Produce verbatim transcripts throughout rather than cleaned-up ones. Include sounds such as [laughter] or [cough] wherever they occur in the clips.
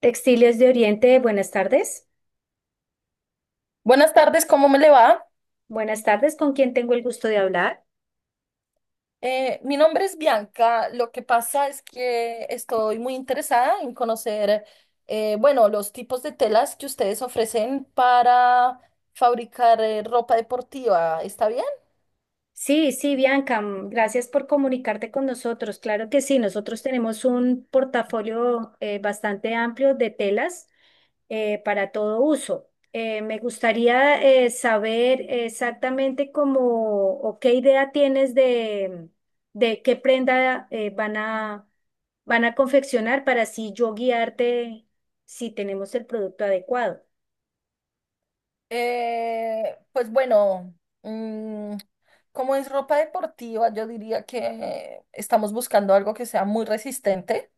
Textiles de Oriente, buenas tardes. Buenas tardes, ¿cómo me le va? Buenas tardes, ¿con quién tengo el gusto de hablar? Eh, mi nombre es Bianca. Lo que pasa es que estoy muy interesada en conocer, eh, bueno, los tipos de telas que ustedes ofrecen para fabricar eh, ropa deportiva. ¿Está bien? Sí, sí, Bianca, mm, gracias por comunicarte con nosotros. Claro que sí, nosotros tenemos un portafolio eh, bastante amplio de telas eh, para todo uso. Eh, me gustaría eh, saber exactamente cómo o qué idea tienes de, de qué prenda eh, van a, van a confeccionar para así yo guiarte si tenemos el producto adecuado. Eh, pues bueno, mm, como es ropa deportiva, yo diría que estamos buscando algo que sea muy resistente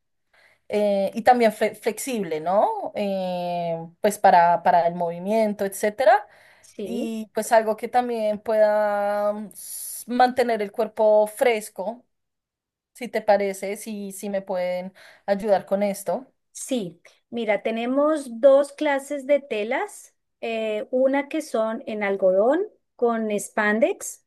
eh, y también fle- flexible, ¿no? Eh, pues para, para el movimiento, etcétera. Sí. Y pues algo que también pueda mm, s- mantener el cuerpo fresco, si te parece, si, si me pueden ayudar con esto. Sí, mira, tenemos dos clases de telas, eh, una que son en algodón con spandex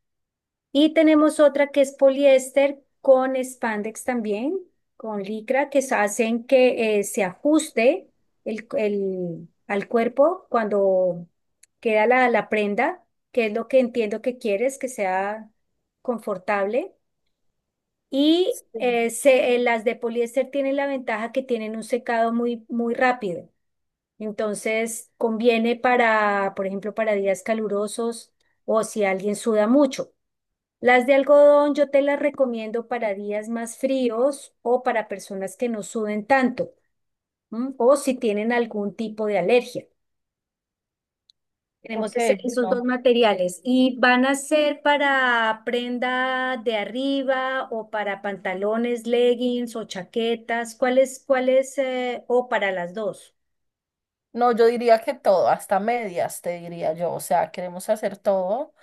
y tenemos otra que es poliéster con spandex también, con licra, que se hacen que eh, se ajuste el, el- al cuerpo cuando queda la, la prenda, que es lo que entiendo que quieres, que sea confortable. Y Sí. eh, se- eh, las de poliéster tienen la ventaja que tienen un secado muy, muy rápido. Entonces, conviene para, por ejemplo, para días calurosos o si alguien suda mucho. Las de algodón yo te las recomiendo para días más fríos o para personas que no suden tanto, ¿m? O si tienen algún tipo de alergia. Ok, Tenemos ese- esos dos bueno. materiales y van a ser para prenda de arriba o para pantalones, leggings o chaquetas, ¿cuáles, cuáles, eh, o para las dos? No, yo diría que todo, hasta medias, te diría yo. O sea, queremos hacer todo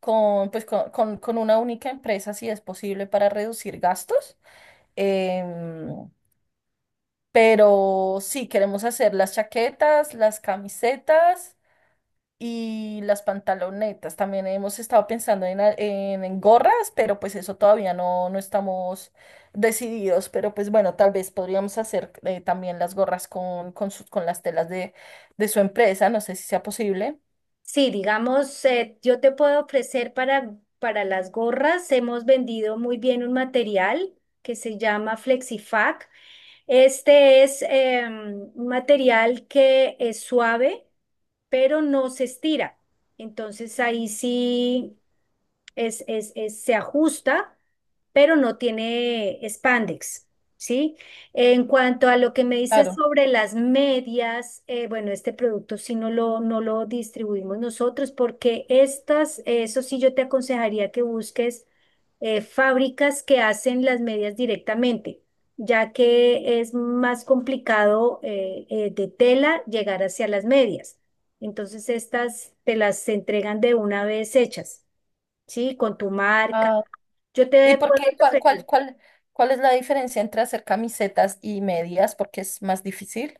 con, pues, con, con- con una única empresa, si es posible, para reducir gastos. Em, pero sí, queremos hacer las chaquetas, las camisetas y las pantalonetas. También hemos estado pensando en, a- en, en gorras, pero pues eso todavía no, no estamos decididos. Pero pues bueno, tal vez podríamos hacer eh, también las gorras con, con, su- con las telas de, de su empresa. No sé si sea posible. Sí, digamos, eh, yo te puedo ofrecer para, para las gorras, hemos vendido muy bien un material que se llama FlexiFac. Este es eh, un material que es suave, pero no se estira. Entonces ahí sí es, es, es- se ajusta, pero no tiene spandex, ¿sí? En cuanto a lo que me dices Claro. sobre las medias, eh, bueno, este producto sí no lo, no lo distribuimos nosotros porque estas, eso sí yo te aconsejaría que busques eh, fábricas que hacen las medias directamente, ya que es más complicado eh, eh, de tela llegar hacia las medias. Entonces estas te las entregan de una vez hechas, ¿sí? Con tu marca. Ah, Yo ¿y te por puedo qué? ¿Cuál, cuál, referir cuál, ¿Cuál es la diferencia entre hacer camisetas y medias? Porque es más difícil.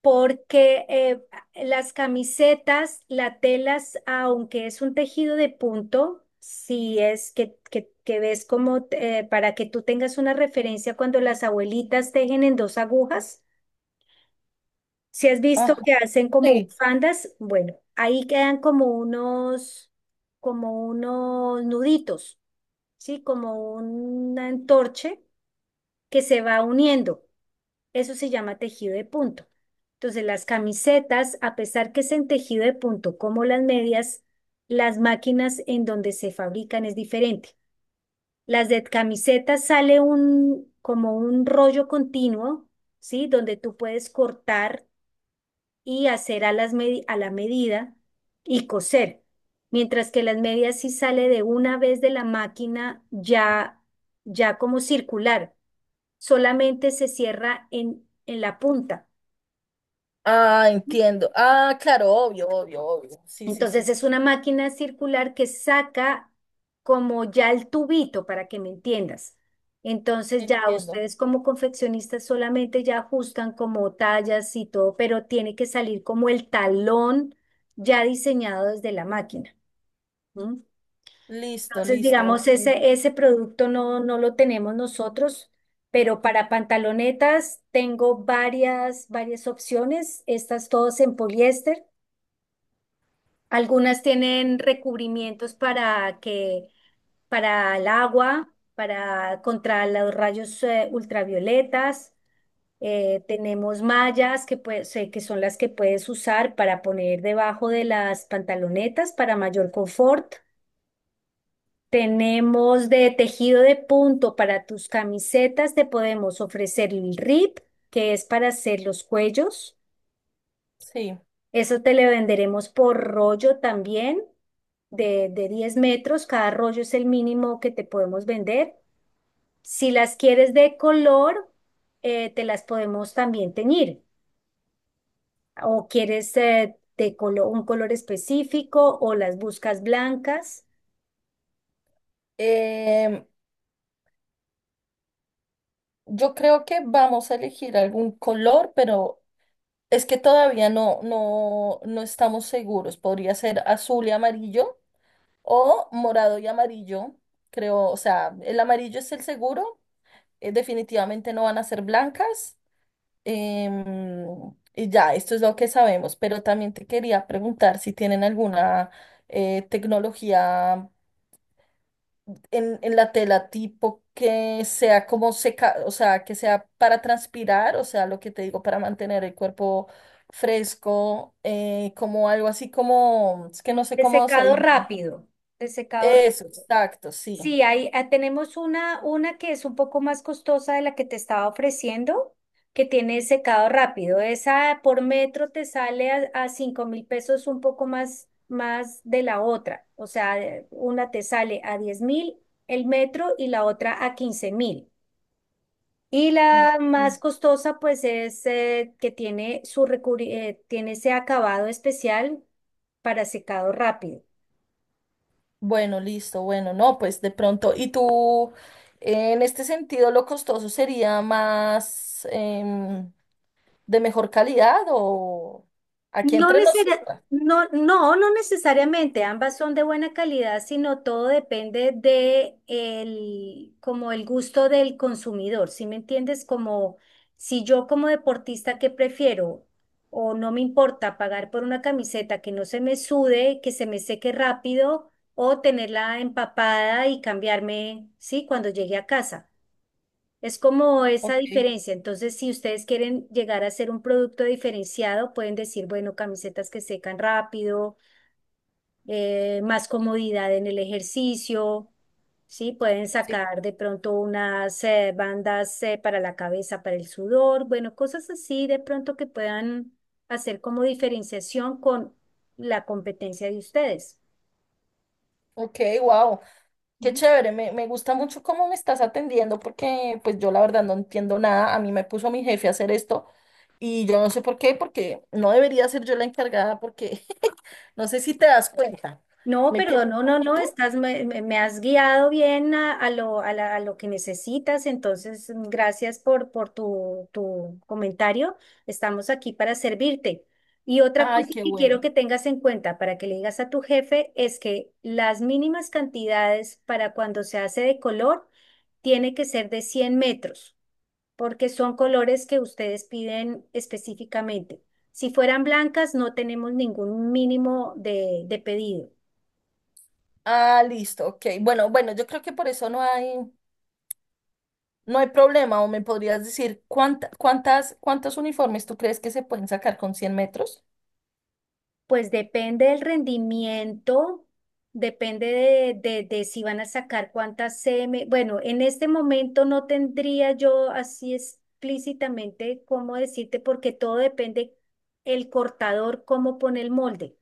porque eh, las camisetas, la telas, aunque es un tejido de punto, si es que, que, que ves, como eh, para que tú tengas una referencia, cuando las abuelitas tejen en dos agujas, si has visto Ajá, que hacen como sí. bufandas, bueno, ahí quedan como unos, como unos nuditos, ¿sí? Como un entorche que se va uniendo. Eso se llama tejido de punto. Entonces, las camisetas, a pesar que es en tejido de punto como las medias, las máquinas en donde se fabrican es diferente. Las de camisetas sale un, como un rollo continuo, ¿sí? Donde tú puedes cortar y hacer a, las medi- a la medida y coser. Mientras que las medias sí sale de una vez de la máquina ya, ya como circular. Solamente se cierra en, en la punta. Ah, entiendo. Ah, claro, obvio, obvio, obvio. Sí, sí, sí, Entonces sí. es una máquina circular que saca como ya el tubito, para que me entiendas. Entonces ya Entiendo. ustedes como confeccionistas solamente ya ajustan como tallas y todo, pero tiene que salir como el talón ya diseñado desde la máquina. ¿M? Listo, Entonces, listo. digamos, Ok. ese, ese producto no, no lo tenemos nosotros, pero para pantalonetas tengo varias, varias opciones, estas todas en poliéster. Algunas tienen recubrimientos para que, para el agua, para contra los rayos eh, ultravioletas. Eh, tenemos mallas que, pues, eh, que son las que puedes usar para poner debajo de las pantalonetas para mayor confort. Tenemos de tejido de punto para tus camisetas. Te podemos ofrecer el rip, que es para hacer los cuellos. Sí. Eso te le venderemos por rollo también, de, de diez metros. Cada rollo es el mínimo que te podemos vender. Si las quieres de color, eh, te las podemos también teñir. O quieres eh, de colo- un color específico o las buscas blancas. Em, yo creo que vamos a elegir algún color, pero es que todavía no, no, no estamos seguros. Podría ser azul y amarillo o morado y amarillo. Creo, o sea, el amarillo es el seguro. Eh, definitivamente no van a ser blancas. Em, y ya, esto es lo que sabemos. Pero también te quería preguntar si tienen alguna eh, tecnología en, en la tela tipo que sea como seca, o sea, que sea para transpirar, o sea, lo que te digo, para mantener el cuerpo fresco, eh, como algo así como, es que no sé De cómo se secado dice. rápido. De secado Eso, exacto, sí. Sí, ahí ah, tenemos una, una que es un poco más costosa de la que te estaba ofreciendo, que tiene secado rápido. Esa por metro te sale a, a cinco mil pesos un poco más, más de la otra. O sea, de- una te sale a diez mil el metro y la otra a quince mil. Y Ok. la más costosa pues es eh, que tiene, su recubri- eh, tiene ese acabado especial para secado rápido. Bueno, listo, bueno, no, pues de pronto, y tú, en este sentido, lo costoso sería más em, de mejor calidad o aquí No entre necesaria- nosotras. no, no, no necesariamente, ambas son de buena calidad, sino todo depende de el, como el gusto del consumidor, ¿sí me entiendes? Como si yo como deportista, ¿que prefiero? O no me importa pagar por una camiseta que no se me sude, que se me seque rápido, o tenerla empapada y cambiarme, ¿sí? Cuando llegue a casa. Es como esa Ok, diferencia. Entonces, si ustedes quieren llegar a ser un producto diferenciado, pueden decir, bueno, camisetas que secan rápido, eh, más comodidad en el ejercicio, ¿sí? Pueden sí. sacar de pronto unas eh, bandas eh, para la cabeza, para el sudor, bueno, cosas así de pronto que puedan hacer como diferenciación con la competencia de ustedes. Ok, wow. Qué ¿No? chévere, me, me gusta mucho cómo me estás atendiendo porque pues yo la verdad no entiendo nada, a mí me puso mi jefe a hacer esto y yo no sé por qué, porque no debería ser yo la encargada porque [laughs] no sé si te das cuenta, No, me pierdo perdón, un no, no, no, poquito. estás, me, me- me has guiado bien a, a lo, a la- a lo que necesitas, entonces mm, gracias por, por tu, tu comentario, estamos aquí para servirte. Y otra Ay, cosa qué que quiero bueno. que tengas en cuenta para que le digas a tu jefe es que las mínimas cantidades para cuando se hace de color tiene que ser de cien metros, porque son colores que ustedes piden específicamente. Si fueran blancas, no tenemos ningún mínimo de de pedido. Ah, listo, ok. Bueno, bueno, yo creo que por eso no hay. No hay problema, o me podrías decir cuánta- cuántas, ¿cuántos uniformes tú crees que se pueden sacar con cien metros? Pues depende del rendimiento, depende de, de- de si van a sacar cuántas C M. Bueno, en este momento no tendría yo así explícitamente cómo decirte, porque todo depende el cortador, cómo pone el molde.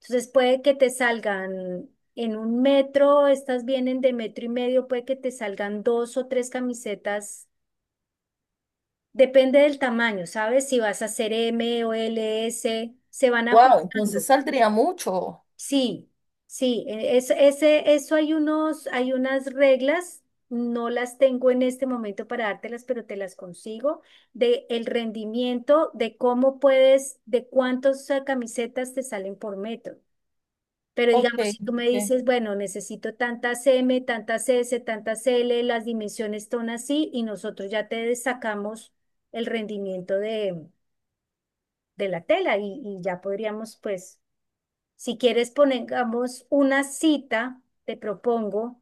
Entonces puede que te salgan en un metro, estas vienen de metro y medio, puede que te salgan dos o tres camisetas. Depende del tamaño, ¿sabes? Si vas a hacer M o l s se van Wow, entonces ajustando. saldría mucho. Sí, sí, e- es, ese, eso, hay unos, hay unas reglas, no las tengo en este momento para dártelas, pero te las consigo, de el rendimiento, de cómo puedes, de cuántas eh, camisetas te salen por metro. Pero Ok, digamos, si tú me ok. dices, bueno, necesito tantas M, tantas S, tantas L, las dimensiones son así, y nosotros ya te sacamos el rendimiento de, de la tela y, y ya podríamos, pues si quieres, pongamos una cita, te propongo,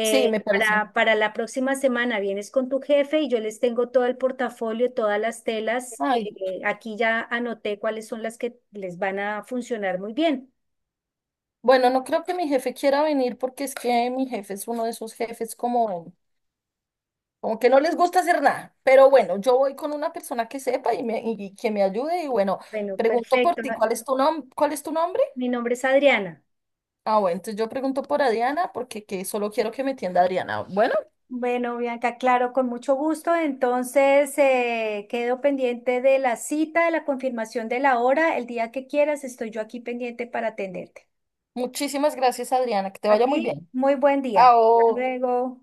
Sí, me parece. para, para la próxima semana. Vienes con tu jefe y yo les tengo todo el portafolio, todas las telas que Ay, eh, aquí ya anoté cuáles son las que les van a funcionar muy bien. bueno, no creo que mi jefe quiera venir porque es que mi jefe es uno de esos jefes como. Como que no les gusta hacer nada. Pero bueno, yo voy con una persona que sepa y, me, y que me ayude. Y bueno, Bueno, pregunto por perfecto. ti, ¿cuál es tu nom- ¿cuál es tu nombre? Mi nombre es Adriana. Ah, bueno, entonces yo pregunto por Adriana porque que solo quiero que me entienda Adriana. Bueno, Bueno, Bianca, claro, con mucho gusto. Entonces, eh, quedo pendiente de la cita, de la confirmación de la hora. El día que quieras, estoy yo aquí pendiente para atenderte. muchísimas gracias, Adriana. Que te A vaya muy ti, bien. muy buen día. Hasta Chao. luego.